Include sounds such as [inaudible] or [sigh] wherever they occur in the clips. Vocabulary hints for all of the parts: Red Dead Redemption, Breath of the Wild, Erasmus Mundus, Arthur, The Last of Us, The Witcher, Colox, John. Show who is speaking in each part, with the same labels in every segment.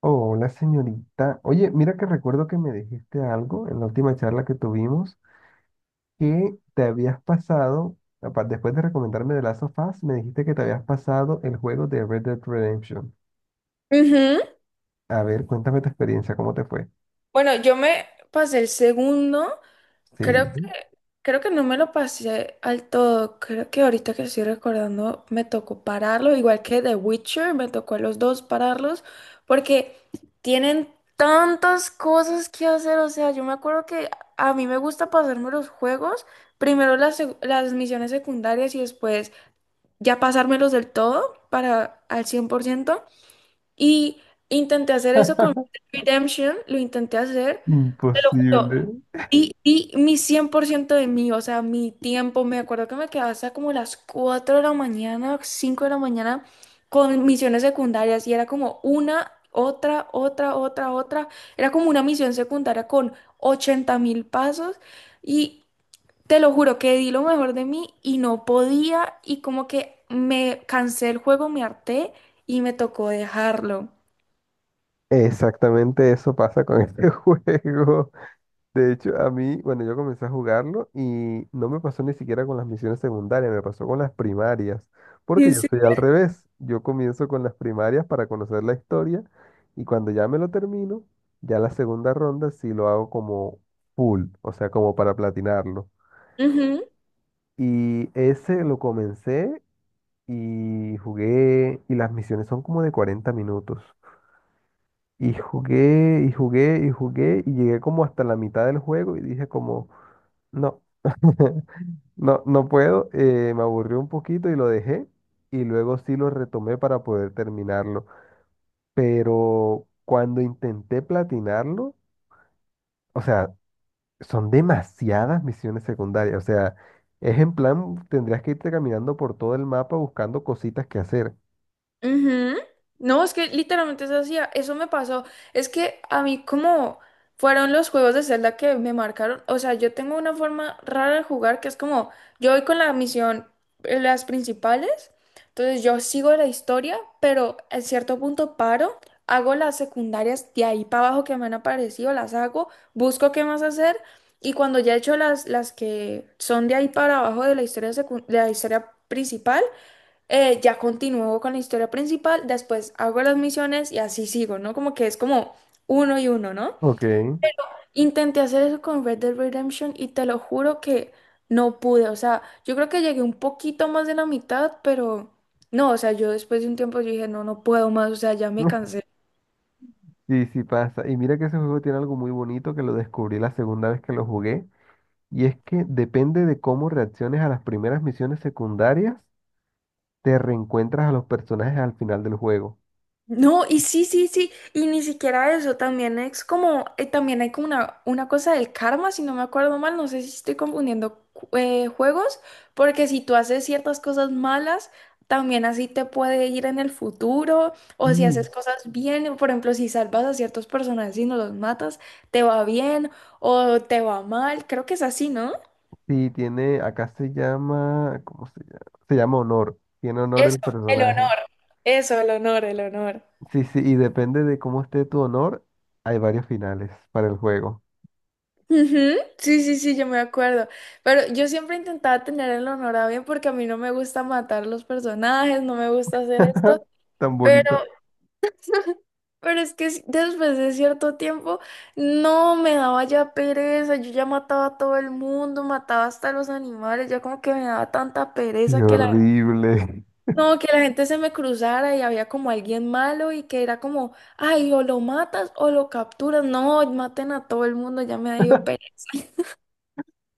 Speaker 1: Oh, una señorita. Oye, mira que recuerdo que me dijiste algo en la última charla que tuvimos, que te habías pasado, después de recomendarme The Last of Us, me dijiste que te habías pasado el juego de Red Dead Redemption.
Speaker 2: Ujú.
Speaker 1: A ver, cuéntame tu experiencia, ¿cómo te fue?
Speaker 2: Bueno, yo me pasé el segundo,
Speaker 1: Sí,
Speaker 2: creo que, creo que no me lo pasé al todo, creo que ahorita que estoy recordando me tocó pararlo, igual que The Witcher, me tocó a los dos pararlos, porque tienen tantas cosas que hacer, o sea, yo me acuerdo que a mí me gusta pasarme los juegos, primero las misiones secundarias y después ya pasármelos del todo para al 100%. Y intenté hacer eso con Redemption, lo intenté hacer, te lo
Speaker 1: imposible.
Speaker 2: juro, di mi 100% de mí, o sea, mi tiempo, me acuerdo que me quedaba hasta como las 4 de la mañana, 5 de la mañana, con misiones secundarias, y era como una, otra, otra, otra, otra, era como una misión secundaria con 80.000 pasos, y te lo juro que di lo mejor de mí y no podía, y como que me cansé el juego, me harté, y me tocó dejarlo.
Speaker 1: Exactamente eso pasa con este [laughs] juego. De hecho, a mí, bueno, yo comencé a jugarlo y no me pasó ni siquiera con las misiones secundarias, me pasó con las primarias,
Speaker 2: ¿En
Speaker 1: porque yo
Speaker 2: serio?
Speaker 1: soy al revés. Yo comienzo con las primarias para conocer la historia y cuando ya me lo termino, ya la segunda ronda sí lo hago como full, o sea, como para platinarlo.
Speaker 2: Ujú,
Speaker 1: Y ese lo comencé y jugué, y las misiones son como de 40 minutos. Y jugué, y jugué, y jugué, y llegué como hasta la mitad del juego y dije como, no. [laughs] No, no puedo, me aburrió un poquito y lo dejé y luego sí lo retomé para poder terminarlo. Pero cuando intenté platinarlo, o sea, son demasiadas misiones secundarias, o sea, es en plan, tendrías que irte caminando por todo el mapa buscando cositas que hacer.
Speaker 2: ujú. No, es que literalmente eso hacía, eso me pasó. Es que a mí como fueron los juegos de Zelda que me marcaron, o sea, yo tengo una forma rara de jugar que es como, yo voy con la misión, las principales, entonces yo sigo la historia, pero en cierto punto paro, hago las secundarias de ahí para abajo que me han aparecido, las hago, busco qué más hacer. Y cuando ya he hecho las que son de ahí para abajo de la historia, de la historia principal, ya continúo con la historia principal, después hago las misiones y así sigo, ¿no? Como que es como uno y uno, ¿no?
Speaker 1: Ok.
Speaker 2: Pero intenté hacer eso con Red Dead Redemption y te lo juro que no pude. O sea, yo creo que llegué un poquito más de la mitad, pero no, o sea, yo después de un tiempo yo dije, no, no puedo más, o sea, ya me
Speaker 1: [laughs]
Speaker 2: cansé.
Speaker 1: Sí, sí pasa. Y mira que ese juego tiene algo muy bonito que lo descubrí la segunda vez que lo jugué. Y es que depende de cómo reacciones a las primeras misiones secundarias, te reencuentras a los personajes al final del juego.
Speaker 2: No, y sí, sí, sí, y ni siquiera eso, también es como, también hay como una cosa del karma, si no me acuerdo mal, no sé si estoy confundiendo juegos, porque si tú haces ciertas cosas malas, también así te puede ir en el futuro, o si haces
Speaker 1: Mm.
Speaker 2: cosas bien, por ejemplo, si salvas a ciertos personajes y no los matas, te va bien o te va mal, creo que es así, ¿no?
Speaker 1: Sí, tiene, acá se llama, ¿cómo se llama? Se llama honor, tiene honor
Speaker 2: Eso,
Speaker 1: el
Speaker 2: el
Speaker 1: personaje.
Speaker 2: honor, eso, el honor, el honor.
Speaker 1: Sí, sí, y depende de cómo esté tu honor, hay varios finales para el juego.
Speaker 2: Ujú, sí, sí, sí, yo me acuerdo. Pero yo siempre intentaba tener el honor porque a mí no me gusta matar los personajes, no me gusta hacer esto.
Speaker 1: [laughs] Tan
Speaker 2: Pero,
Speaker 1: bonita.
Speaker 2: pero es que después de cierto tiempo, no me daba ya pereza. Yo ya mataba a todo el mundo, mataba hasta los animales. Ya como que me daba tanta
Speaker 1: Qué
Speaker 2: pereza que
Speaker 1: horrible.
Speaker 2: no, que la gente se me cruzara y había como alguien malo y que era como, ay, o lo matas o lo capturas. No, maten a todo el mundo, ya me dio pereza.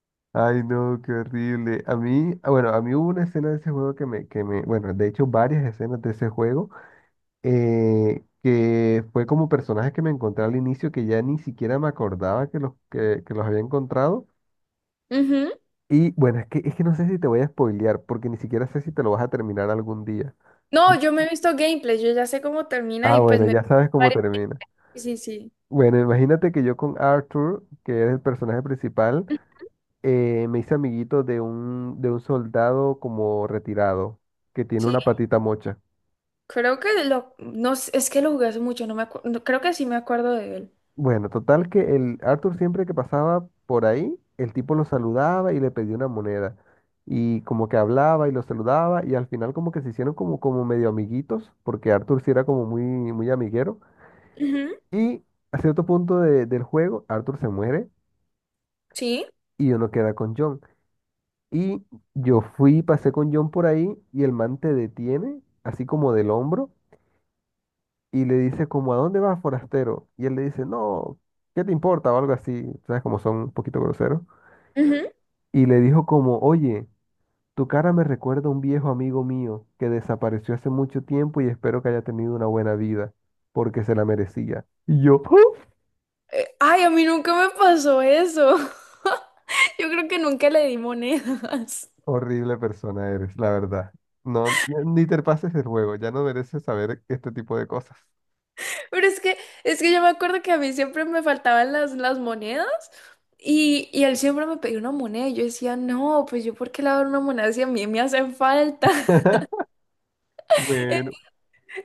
Speaker 1: [laughs] Ay, no, qué horrible. A mí, ah, bueno, a mí hubo una escena de ese juego que me, bueno, de hecho varias escenas de ese juego que fue como personajes que me encontré al inicio que ya ni siquiera me acordaba que los había encontrado. Y bueno, es que no sé si te voy a spoilear, porque ni siquiera sé si te lo vas a terminar algún día.
Speaker 2: No, yo me he visto gameplay, yo ya sé cómo termina
Speaker 1: Ah,
Speaker 2: y pues
Speaker 1: bueno,
Speaker 2: me...
Speaker 1: ya sabes cómo
Speaker 2: varias-
Speaker 1: termina.
Speaker 2: Sí, sí.
Speaker 1: Bueno, imagínate que yo con Arthur, que es el personaje principal, me hice amiguito de un soldado como retirado, que tiene
Speaker 2: Sí,
Speaker 1: una patita mocha.
Speaker 2: creo que no, sé, es que lo jugué hace mucho, no me acuerdo... creo que sí me acuerdo de él.
Speaker 1: Bueno, total que el Arthur siempre que pasaba por ahí, el tipo lo saludaba y le pedía una moneda. Y como que hablaba y lo saludaba y al final como que se hicieron como, como medio amiguitos, porque Arthur sí era como muy, muy amiguero.
Speaker 2: Ujú,
Speaker 1: Y a cierto punto del juego, Arthur se muere
Speaker 2: sí.
Speaker 1: y uno queda con John. Y yo fui, pasé con John por ahí y el man te detiene, así como del hombro, y le dice como, ¿a dónde vas, forastero? Y él le dice, no, ¿qué te importa? O algo así, ¿sabes? Como son un poquito groseros.
Speaker 2: Ujú.
Speaker 1: Y le dijo como, oye, tu cara me recuerda a un viejo amigo mío que desapareció hace mucho tiempo y espero que haya tenido una buena vida, porque se la merecía. Y yo, [laughs] ¡oh!
Speaker 2: Ay, a mí nunca me pasó eso. [laughs] Yo creo que nunca le di monedas.
Speaker 1: Horrible persona eres, la verdad. No, ni te pases el juego, ya no mereces saber este tipo de cosas.
Speaker 2: [laughs] Pero es que yo me acuerdo que a mí siempre me faltaban las monedas y él siempre me pedía una moneda y yo decía, no, pues yo por qué le voy a dar una moneda si a mí me hacen falta.
Speaker 1: [laughs]
Speaker 2: [laughs]
Speaker 1: Bueno,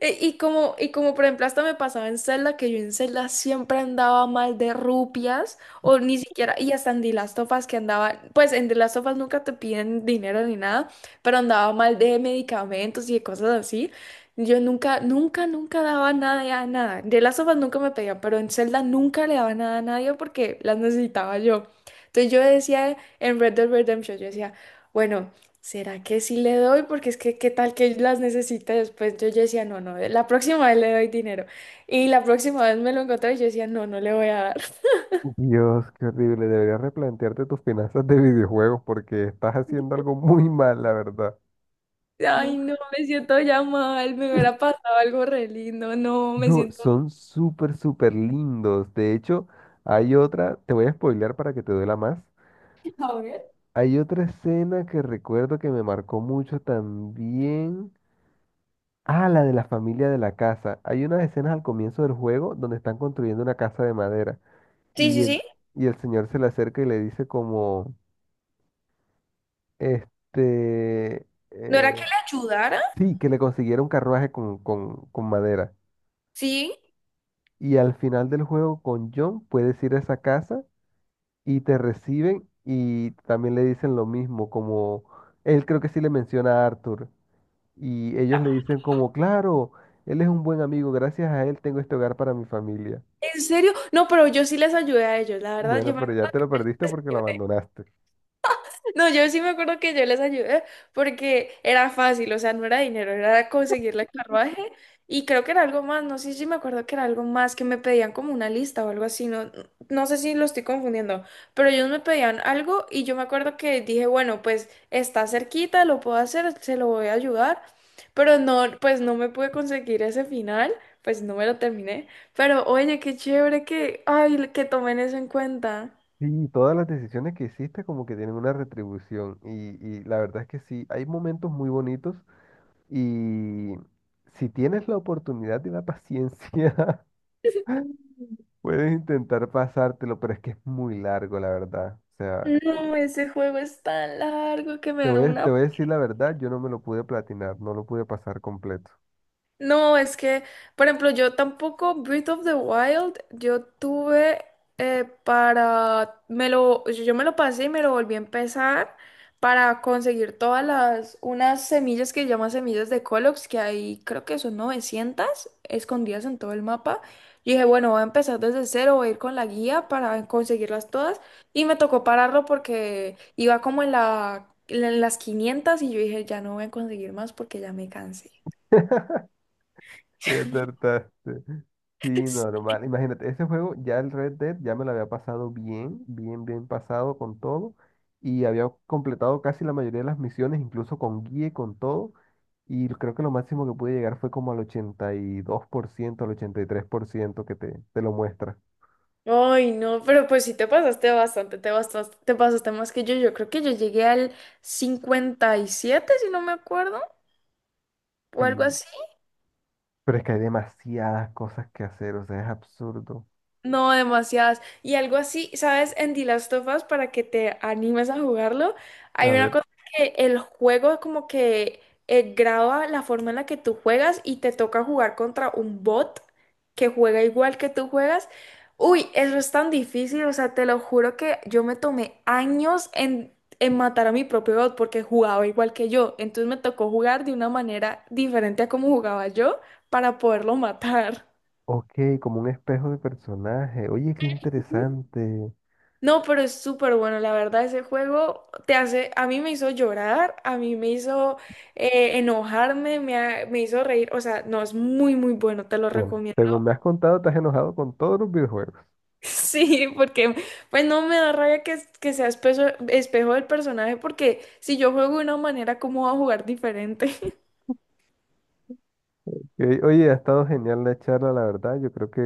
Speaker 2: Y como por ejemplo hasta me pasaba en Zelda, que yo en Zelda siempre andaba mal de rupias, o ni siquiera, y hasta en The Last of Us que andaba, pues en The Last of Us nunca te piden dinero ni nada, pero andaba mal de medicamentos y de cosas así. Yo nunca, nunca, nunca daba nada a nada. En The Last of Us nunca me pedían, pero en Zelda nunca le daba nada a nadie porque las necesitaba yo. Entonces yo decía en Red Dead Redemption, yo decía, bueno. ¿Será que sí le doy? Porque es que qué tal que las necesite después. Yo decía, no, no, la próxima vez le doy dinero. Y la próxima vez me lo encontré y yo decía, no, no le voy a dar. [laughs]
Speaker 1: Dios, qué horrible. Deberías replantearte tus finanzas de videojuegos porque estás haciendo algo muy mal, la verdad.
Speaker 2: Ay, no,
Speaker 1: [laughs]
Speaker 2: me siento ya mal, me hubiera pasado algo re lindo, no, me
Speaker 1: No,
Speaker 2: siento...
Speaker 1: son súper, súper lindos. De hecho, hay otra, te voy a spoilear para que te duela más.
Speaker 2: [laughs] A ver.
Speaker 1: Hay otra escena que recuerdo que me marcó mucho también. Ah, la de la familia de la casa. Hay unas escenas al comienzo del juego donde están construyendo una casa de madera
Speaker 2: Sí,
Speaker 1: y
Speaker 2: sí,
Speaker 1: el,
Speaker 2: sí.
Speaker 1: y el señor se le acerca y le dice como, este,
Speaker 2: ¿No era que
Speaker 1: eh,
Speaker 2: le ayudara?
Speaker 1: sí, que le consiguiera un carruaje con madera.
Speaker 2: Sí.
Speaker 1: Y al final del juego con John puedes ir a esa casa y te reciben y también le dicen lo mismo, como él creo que sí le menciona a Arthur y ellos le dicen como, claro, él es un buen amigo, gracias a él tengo este hogar para mi familia.
Speaker 2: ¿En serio? No, pero yo sí les ayudé a ellos, la verdad, yo
Speaker 1: Bueno,
Speaker 2: me
Speaker 1: pero ya
Speaker 2: acuerdo.
Speaker 1: te lo perdiste porque lo abandonaste.
Speaker 2: No, yo sí me acuerdo que yo les ayudé porque era fácil, o sea, no era dinero, era conseguirle el carruaje y creo que era algo más, no sé si me acuerdo que era algo más que me pedían como una lista o algo así, no, no sé si lo estoy confundiendo, pero ellos me pedían algo y yo me acuerdo que dije, bueno, pues está cerquita, lo puedo hacer, se lo voy a ayudar, pero no, pues no me pude conseguir ese final, pues no me lo terminé, pero oye, qué chévere que, ay, que tomen eso en cuenta.
Speaker 1: Sí, todas las decisiones que hiciste como que tienen una retribución y la verdad es que sí, hay momentos muy bonitos y si tienes la oportunidad y la paciencia, [laughs] puedes intentar pasártelo, pero es que es muy largo, la verdad. O sea,
Speaker 2: No, ese juego es tan largo que me
Speaker 1: te
Speaker 2: da
Speaker 1: voy a,
Speaker 2: una.
Speaker 1: te voy a decir la verdad, yo no me lo pude platinar, no lo pude pasar completo. [laughs]
Speaker 2: No, es que, por ejemplo, yo tampoco Breath of the Wild, yo tuve para, me lo, yo yo me lo pasé y me lo volví a empezar para conseguir todas las, unas semillas que llaman semillas de Colox, que hay, creo que son 900 escondidas en todo el mapa. Y dije, bueno, voy a empezar desde cero, voy a ir con la guía para conseguirlas todas. Y me tocó pararlo porque iba como en las 500 y yo dije, ya no voy a conseguir más porque ya me cansé.
Speaker 1: Ya acertaste. Sí, normal. Imagínate, ese juego, ya el Red Dead, ya me lo había pasado bien, bien, bien pasado con todo. Y había completado casi la mayoría de las misiones, incluso con guía y con todo. Y creo que lo máximo que pude llegar fue como al 82% al 83% que te lo muestra.
Speaker 2: Ay, no, pero pues sí te pasaste bastante, te pasaste más que yo. Yo creo que yo llegué al 57 si no me acuerdo, o algo
Speaker 1: Y-
Speaker 2: así.
Speaker 1: Pero es que hay demasiadas cosas que hacer, o sea, es absurdo.
Speaker 2: No, demasiadas. Y algo así, ¿sabes? En The Last of Us, para que te animes a jugarlo, hay
Speaker 1: A
Speaker 2: una
Speaker 1: ver.
Speaker 2: cosa que el juego como que graba la forma en la que tú juegas y te toca jugar contra un bot que juega igual que tú juegas. Uy, eso es tan difícil, o sea, te lo juro que yo me tomé años en matar a mi propio bot porque jugaba igual que yo. Entonces me tocó jugar de una manera diferente a como jugaba yo para poderlo matar.
Speaker 1: Ok, como un espejo de personaje. Oye, qué interesante.
Speaker 2: No, pero es súper bueno, la verdad, ese juego te hace, a mí me hizo llorar, a mí me hizo enojarme, me hizo reír, o sea, no, es muy, muy bueno, te lo
Speaker 1: Bueno,
Speaker 2: recomiendo.
Speaker 1: según
Speaker 2: [laughs]
Speaker 1: me has contado, estás enojado con todos los videojuegos.
Speaker 2: Sí, porque pues no me da rabia que sea espejo del personaje, porque si yo juego de una manera, ¿cómo voy a jugar diferente?
Speaker 1: Oye, ha estado genial la charla, la verdad. Yo creo que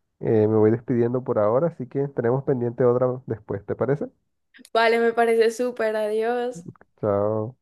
Speaker 1: me voy despidiendo por ahora, así que tenemos pendiente otra después, ¿te parece?
Speaker 2: [laughs] Vale, me parece súper, adiós.
Speaker 1: Chao.